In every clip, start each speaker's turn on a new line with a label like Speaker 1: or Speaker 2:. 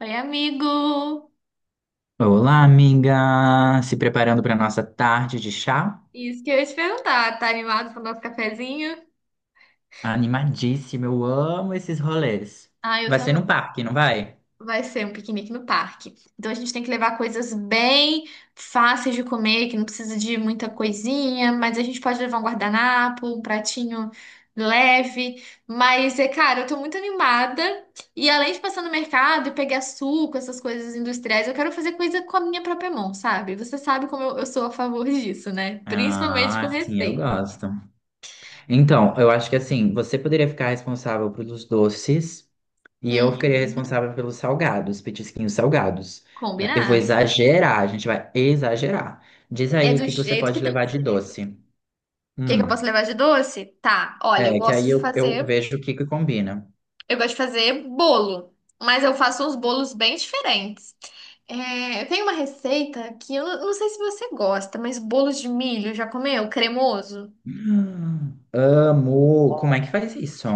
Speaker 1: Oi, amigo!
Speaker 2: Olá, amiga! Se preparando para nossa tarde de chá?
Speaker 1: Isso que eu ia te perguntar, tá animado pro nosso cafezinho?
Speaker 2: Animadíssima, eu amo esses rolês.
Speaker 1: Ah, eu
Speaker 2: Vai ser num
Speaker 1: também.
Speaker 2: parque, não vai?
Speaker 1: Vai ser um piquenique no parque. Então a gente tem que levar coisas bem fáceis de comer, que não precisa de muita coisinha, mas a gente pode levar um guardanapo, um pratinho leve. Mas é, cara, eu tô muito animada. E além de passar no mercado e pegar suco, essas coisas industriais, eu quero fazer coisa com a minha própria mão, sabe? Você sabe como eu sou a favor disso, né? Principalmente com
Speaker 2: Ah, sim, eu
Speaker 1: receita.
Speaker 2: gosto. Então, eu acho que assim, você poderia ficar responsável pelos doces e eu
Speaker 1: Hum,
Speaker 2: ficaria responsável pelos salgados, petisquinhos salgados. Eu vou
Speaker 1: Combinado.
Speaker 2: exagerar, a gente vai exagerar. Diz
Speaker 1: É
Speaker 2: aí o
Speaker 1: do
Speaker 2: que que você
Speaker 1: jeito que
Speaker 2: pode
Speaker 1: tem que
Speaker 2: levar de
Speaker 1: ser. O
Speaker 2: doce.
Speaker 1: que que eu
Speaker 2: Hum,
Speaker 1: posso levar de doce? Tá, olha,
Speaker 2: é, que aí eu vejo o que que combina.
Speaker 1: eu gosto de fazer bolo, mas eu faço uns bolos bem diferentes. É, tem uma receita que eu não sei se você gosta, mas bolo de milho, já comeu? Cremoso?
Speaker 2: Amo! Como é que faz isso?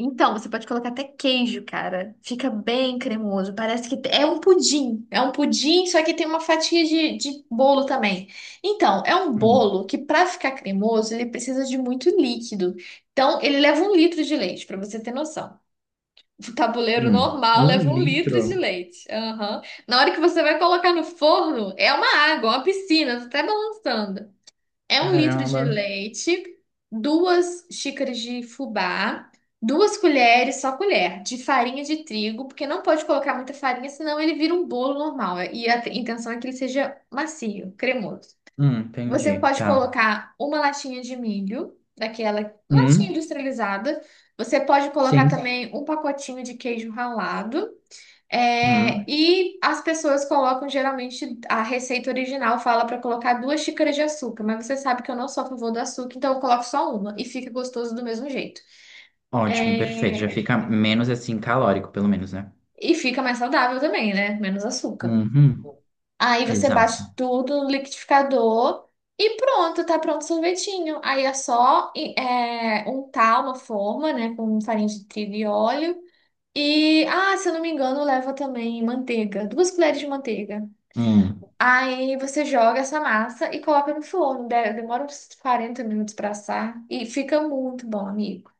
Speaker 1: Então, você pode colocar até queijo, cara. Fica bem cremoso. Parece que é um pudim. É um pudim, só que tem uma fatia de bolo também. Então, é um
Speaker 2: Hum,
Speaker 1: bolo que, para ficar cremoso, ele precisa de muito líquido. Então, ele leva um litro de leite, para você ter noção. O tabuleiro normal
Speaker 2: Um
Speaker 1: leva um litro de
Speaker 2: litro?
Speaker 1: leite. Aham. Na hora que você vai colocar no forno, é uma água, uma piscina, tá até balançando. É um litro de
Speaker 2: Caramba!
Speaker 1: leite, 2 xícaras de fubá, 2 colheres, só colher, de farinha de trigo, porque não pode colocar muita farinha, senão ele vira um bolo normal. E a intenção é que ele seja macio, cremoso. Você
Speaker 2: Entendi.
Speaker 1: pode
Speaker 2: Tá.
Speaker 1: colocar uma latinha de milho, daquela latinha
Speaker 2: Hum,
Speaker 1: industrializada. Você pode colocar
Speaker 2: sim.
Speaker 1: também um pacotinho de queijo ralado. É,
Speaker 2: Hum,
Speaker 1: e as pessoas colocam geralmente a receita original fala para colocar 2 xícaras de açúcar, mas você sabe que eu não sou a favor do açúcar, então eu coloco só uma e fica gostoso do mesmo jeito.
Speaker 2: ótimo, perfeito. Já
Speaker 1: É,
Speaker 2: fica menos assim calórico, pelo menos, né?
Speaker 1: e fica mais saudável também, né? Menos açúcar.
Speaker 2: Uhum,
Speaker 1: Aí você
Speaker 2: exato.
Speaker 1: bate tudo no liquidificador e pronto, tá pronto o sorvetinho. Aí é só untar uma forma, né, com farinha de trigo e óleo. E, ah, se eu não me engano, leva também manteiga, 2 colheres de manteiga.
Speaker 2: Hum.
Speaker 1: Aí você joga essa massa e coloca no forno. Demora uns 40 minutos para assar e fica muito bom, amigo.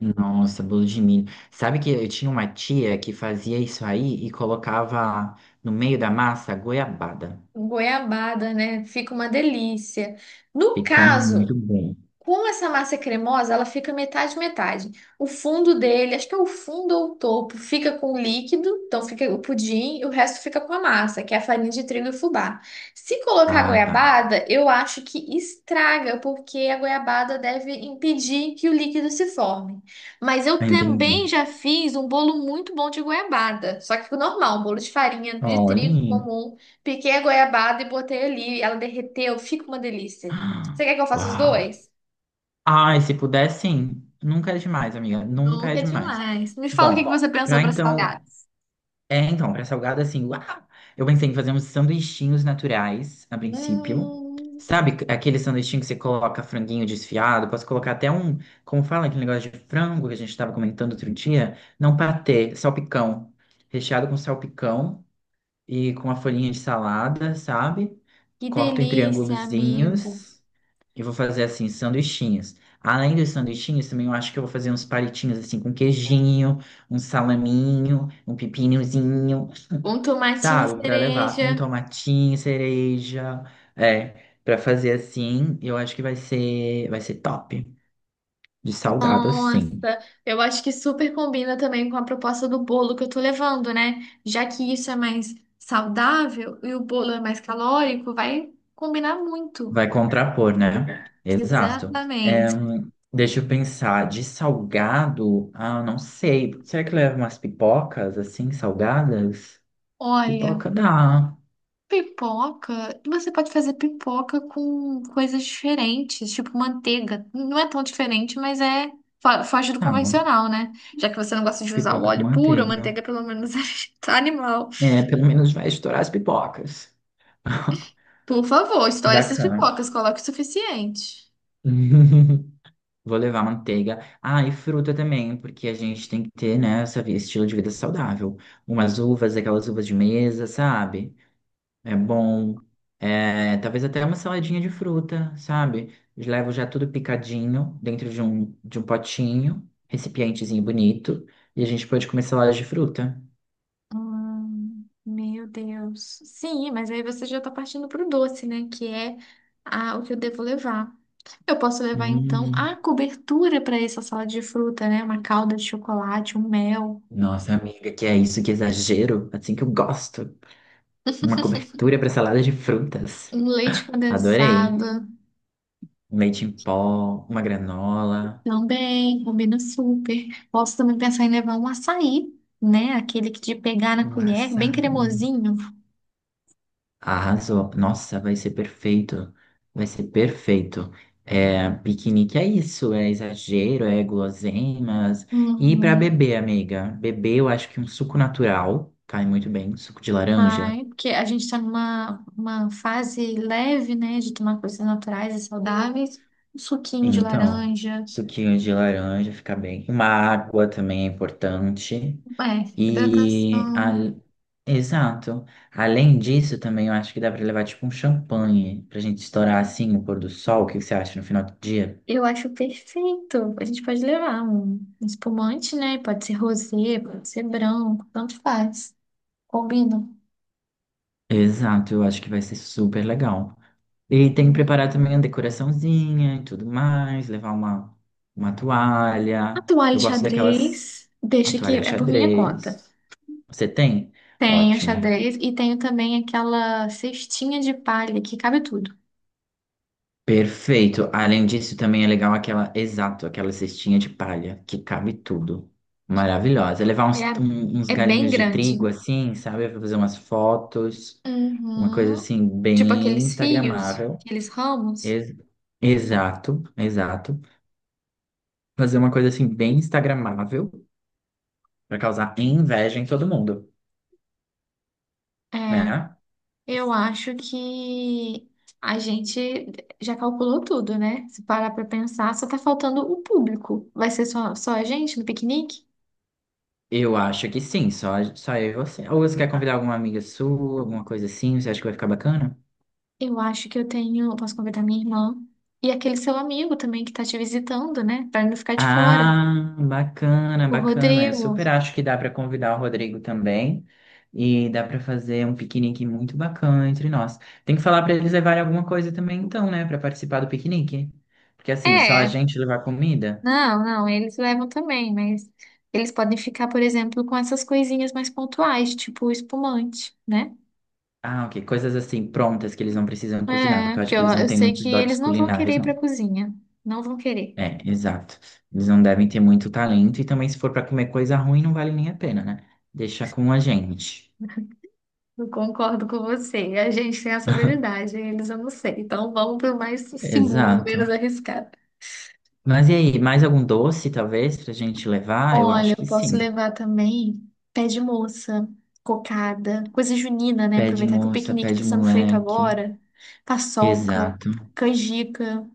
Speaker 2: Nossa, bolo de milho. Sabe que eu tinha uma tia que fazia isso aí e colocava no meio da massa goiabada.
Speaker 1: Goiabada, né? Fica uma delícia. No
Speaker 2: Fica
Speaker 1: caso,
Speaker 2: muito bom.
Speaker 1: com essa massa cremosa, ela fica metade metade. O fundo dele, acho que é o fundo ou o topo, fica com o líquido, então fica o pudim, e o resto fica com a massa, que é a farinha de trigo e fubá. Se colocar
Speaker 2: Ah, tá.
Speaker 1: goiabada, eu acho que estraga, porque a goiabada deve impedir que o líquido se forme. Mas eu
Speaker 2: Entendi.
Speaker 1: também já fiz um bolo muito bom de goiabada, só que normal, um bolo de farinha de
Speaker 2: Olha.
Speaker 1: trigo
Speaker 2: Aí.
Speaker 1: comum. Piquei a goiabada e botei ali, ela derreteu, fica uma delícia. Você quer que eu faça os
Speaker 2: Uau!
Speaker 1: dois?
Speaker 2: Ai, se puder, sim. Nunca é demais, amiga. Nunca é
Speaker 1: Nunca é
Speaker 2: demais.
Speaker 1: demais. Me fala o que que
Speaker 2: Bom,
Speaker 1: você pensou
Speaker 2: pra
Speaker 1: para
Speaker 2: então.
Speaker 1: salgados.
Speaker 2: É, então, pra salgado, assim, uau! Eu pensei em fazer uns sanduichinhos naturais, a princípio.
Speaker 1: Hum,
Speaker 2: Aquele sanduichinho que você coloca franguinho desfiado? Posso colocar até um. Como fala aquele negócio de frango que a gente tava comentando outro dia? Não patê, salpicão. Recheado com salpicão e com a folhinha de salada, sabe?
Speaker 1: que
Speaker 2: Corto em
Speaker 1: delícia, amigo.
Speaker 2: triângulozinhos. Eu vou fazer assim, sanduichinhos. Além dos sanduichinhos, também eu acho que eu vou fazer uns palitinhos assim com queijinho, um salaminho, um pepinozinho,
Speaker 1: Um tomatinho
Speaker 2: sabe? Para levar um
Speaker 1: cereja.
Speaker 2: tomatinho, cereja, é, para fazer assim, eu acho que vai ser top, de salgado assim.
Speaker 1: Nossa, eu acho que super combina também com a proposta do bolo que eu tô levando, né? Já que isso é mais saudável e o bolo é mais calórico, vai combinar muito.
Speaker 2: Vai contrapor, né? Exato. É,
Speaker 1: Exatamente.
Speaker 2: deixa eu pensar, de salgado, ah, não sei. Será que leva umas pipocas assim, salgadas?
Speaker 1: Olha.
Speaker 2: Pipoca dá.
Speaker 1: Pipoca, você pode fazer pipoca com coisas diferentes, tipo manteiga. Não é tão diferente, mas é foge do
Speaker 2: Não.
Speaker 1: convencional, né? Já que você não gosta de usar o
Speaker 2: Pipoca com
Speaker 1: óleo puro, a
Speaker 2: manteiga.
Speaker 1: manteiga pelo menos é animal.
Speaker 2: É, pelo menos vai estourar as pipocas.
Speaker 1: Por favor, estoure essas
Speaker 2: Bacana.
Speaker 1: pipocas, coloque o suficiente.
Speaker 2: Vou levar manteiga. Ah, e fruta também, porque a gente tem que ter, né, essa estilo de vida saudável. Umas uvas, aquelas uvas de mesa, sabe? É bom. É, talvez até uma saladinha de fruta, sabe? Eu levo já tudo picadinho dentro de um potinho, recipientezinho bonito, e a gente pode comer salada de fruta.
Speaker 1: Meu Deus. Sim, mas aí você já tá partindo pro doce, né? Que é a, o que eu devo levar. Eu posso levar, então, a
Speaker 2: Hum.
Speaker 1: cobertura para essa salada de fruta, né? Uma calda de chocolate, um mel.
Speaker 2: Nossa, amiga, que é isso, que exagero. Assim que eu gosto. Uma cobertura para salada de frutas.
Speaker 1: Um leite
Speaker 2: Adorei.
Speaker 1: condensado
Speaker 2: Leite em pó, uma granola,
Speaker 1: também combina super. Posso também pensar em levar um açaí, né? Aquele que de pegar na
Speaker 2: um
Speaker 1: colher, bem
Speaker 2: açaí.
Speaker 1: cremosinho.
Speaker 2: Arrasou. Nossa, vai ser perfeito. Vai ser perfeito. É, piquenique é isso, é exagero, é guloseimas. E para
Speaker 1: Uhum.
Speaker 2: beber, amiga? Beber, eu acho que um suco natural cai muito bem, suco de laranja.
Speaker 1: Ai, porque a gente está numa uma fase leve, né? De tomar coisas naturais e saudáveis. Um suquinho de
Speaker 2: Então,
Speaker 1: laranja,
Speaker 2: suquinho de laranja fica bem. Uma água também é importante.
Speaker 1: é,
Speaker 2: E,
Speaker 1: hidratação.
Speaker 2: a- Exato. Além disso, também eu acho que dá para levar tipo um champanhe pra gente estourar assim o pôr do sol. O que que você acha no final do dia?
Speaker 1: Eu acho perfeito. A gente pode levar um espumante, né? Pode ser rosé, pode ser branco, tanto faz. Combina.
Speaker 2: Exato, eu acho que vai ser super legal. E tem que preparar também a decoraçãozinha e tudo mais, uma
Speaker 1: A
Speaker 2: toalha.
Speaker 1: toalha
Speaker 2: Eu gosto
Speaker 1: xadrez,
Speaker 2: daquelas, a
Speaker 1: deixa que
Speaker 2: toalha
Speaker 1: é por minha conta.
Speaker 2: xadrez. Você tem?
Speaker 1: Tenho
Speaker 2: Ótimo.
Speaker 1: xadrez e tenho também aquela cestinha de palha que cabe tudo.
Speaker 2: Perfeito. Além disso, também é legal aquela, exato, aquela cestinha de palha que cabe tudo. Maravilhosa. É levar
Speaker 1: É,
Speaker 2: uns
Speaker 1: é bem
Speaker 2: galinhos de
Speaker 1: grande.
Speaker 2: trigo assim, sabe? Pra fazer umas fotos, uma coisa
Speaker 1: Uhum.
Speaker 2: assim,
Speaker 1: Tipo
Speaker 2: bem
Speaker 1: aqueles fios,
Speaker 2: instagramável.
Speaker 1: aqueles ramos.
Speaker 2: Ex- exato. Fazer uma coisa assim, bem instagramável, pra causar inveja em todo mundo,
Speaker 1: É,
Speaker 2: né?
Speaker 1: eu acho que a gente já calculou tudo, né? Se parar pra pensar, só tá faltando o público. Vai ser só a gente no piquenique?
Speaker 2: Eu acho que sim, só eu e você. Ou você quer convidar alguma amiga sua, alguma coisa assim? Você acha que vai ficar bacana?
Speaker 1: Eu acho que eu tenho. Eu posso convidar minha irmã e aquele seu amigo também que tá te visitando, né? Pra não ficar de fora.
Speaker 2: Ah, bacana,
Speaker 1: O
Speaker 2: bacana. Eu
Speaker 1: Rodrigo.
Speaker 2: super acho que dá para convidar o Rodrigo também e dá para fazer um piquenique muito bacana entre nós. Tem que falar para eles levarem alguma coisa também, então, né, para participar do piquenique? Porque assim, só a
Speaker 1: É,
Speaker 2: gente levar comida?
Speaker 1: não, não, eles levam também, mas eles podem ficar, por exemplo, com essas coisinhas mais pontuais, tipo o espumante, né?
Speaker 2: Ah, ok, coisas assim prontas que eles não precisam cozinhar,
Speaker 1: É,
Speaker 2: porque eu
Speaker 1: porque
Speaker 2: acho que
Speaker 1: eu,
Speaker 2: eles não
Speaker 1: eu
Speaker 2: têm
Speaker 1: sei que
Speaker 2: muitos dotes
Speaker 1: eles não vão querer
Speaker 2: culinários,
Speaker 1: ir pra
Speaker 2: não.
Speaker 1: cozinha. Não vão querer.
Speaker 2: É, exato. Eles não devem ter muito talento e também se for para comer coisa ruim não vale nem a pena, né? Deixa com a gente.
Speaker 1: Eu concordo com você. A gente tem essa habilidade, eles eu não sei. Então vamos pro mais seguro, menos
Speaker 2: Exato.
Speaker 1: arriscado.
Speaker 2: Mas e aí, mais algum doce, talvez, pra gente levar? Eu
Speaker 1: Olha,
Speaker 2: acho
Speaker 1: eu
Speaker 2: que
Speaker 1: posso
Speaker 2: sim.
Speaker 1: levar também pé de moça, cocada, coisa junina, né?
Speaker 2: Pé de
Speaker 1: Aproveitar que o
Speaker 2: moça,
Speaker 1: piquenique
Speaker 2: pé
Speaker 1: está
Speaker 2: de
Speaker 1: sendo feito
Speaker 2: moleque.
Speaker 1: agora. Paçoca,
Speaker 2: Exato.
Speaker 1: canjica,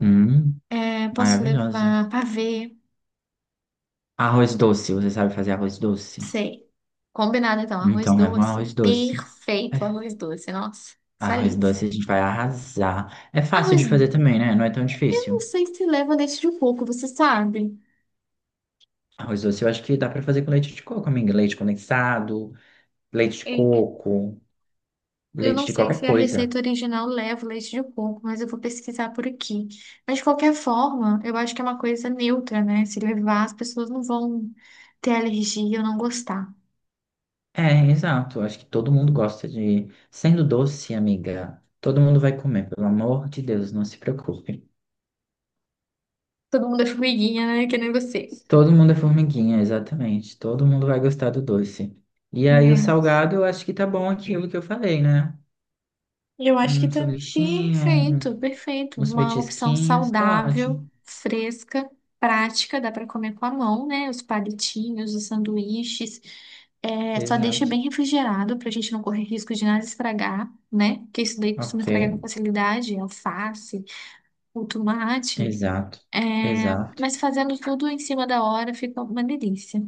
Speaker 2: Hum,
Speaker 1: é, posso
Speaker 2: maravilhoso.
Speaker 1: levar pavê,
Speaker 2: Arroz doce, você sabe fazer arroz doce?
Speaker 1: sei. Combinado então, arroz
Speaker 2: Então leva um
Speaker 1: doce,
Speaker 2: arroz doce. É,
Speaker 1: perfeito arroz doce, nossa,
Speaker 2: arroz
Speaker 1: saliva.
Speaker 2: doce a gente vai arrasar. É fácil de
Speaker 1: Arroz, eu
Speaker 2: fazer também, né? Não é tão
Speaker 1: não
Speaker 2: difícil.
Speaker 1: sei se leva leite de coco, você sabe?
Speaker 2: Arroz doce eu acho que dá pra fazer com leite de coco, amiga. Leite condensado, leite de coco,
Speaker 1: Eu
Speaker 2: leite
Speaker 1: não
Speaker 2: de
Speaker 1: sei
Speaker 2: qualquer
Speaker 1: se a
Speaker 2: coisa.
Speaker 1: receita original leva leite de coco, mas eu vou pesquisar por aqui. Mas de qualquer forma, eu acho que é uma coisa neutra, né? Se levar, as pessoas não vão ter alergia ou não gostar.
Speaker 2: É, exato. Acho que todo mundo gosta de. Sendo doce, amiga, todo mundo vai comer, pelo amor de Deus, não se preocupe.
Speaker 1: Todo mundo é formiguinha, né? Que nem você.
Speaker 2: Todo mundo é formiguinha, exatamente. Todo mundo vai gostar do doce. E aí, o
Speaker 1: É.
Speaker 2: salgado, eu acho que tá bom aquilo que eu falei, né?
Speaker 1: Eu acho que
Speaker 2: Um
Speaker 1: tá
Speaker 2: sanduichinho,
Speaker 1: perfeito,
Speaker 2: um-
Speaker 1: perfeito.
Speaker 2: Uns
Speaker 1: Uma opção
Speaker 2: petisquinhos, tá
Speaker 1: saudável,
Speaker 2: ótimo.
Speaker 1: fresca, prática, dá para comer com a mão, né? Os palitinhos, os sanduíches. É, só deixa
Speaker 2: Exato.
Speaker 1: bem refrigerado para a gente não correr risco de nada estragar, né? Porque isso daí costuma
Speaker 2: Ok,
Speaker 1: estragar com facilidade, alface, o tomate.
Speaker 2: exato,
Speaker 1: É,
Speaker 2: exato.
Speaker 1: mas fazendo tudo em cima da hora fica uma delícia.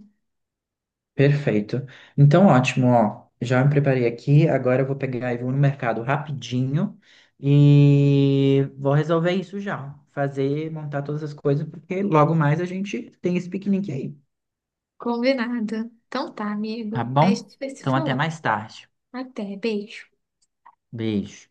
Speaker 2: Perfeito. Então, ótimo, ó. Já me preparei aqui. Agora eu vou pegar e vou no mercado rapidinho e vou resolver isso já. Fazer, montar todas as coisas, porque logo mais a gente tem esse piquenique aí,
Speaker 1: Combinado. Então tá,
Speaker 2: tá
Speaker 1: amigo. A
Speaker 2: bom?
Speaker 1: gente vai se
Speaker 2: Então, até
Speaker 1: falar.
Speaker 2: mais tarde.
Speaker 1: Até, beijo.
Speaker 2: Beijo.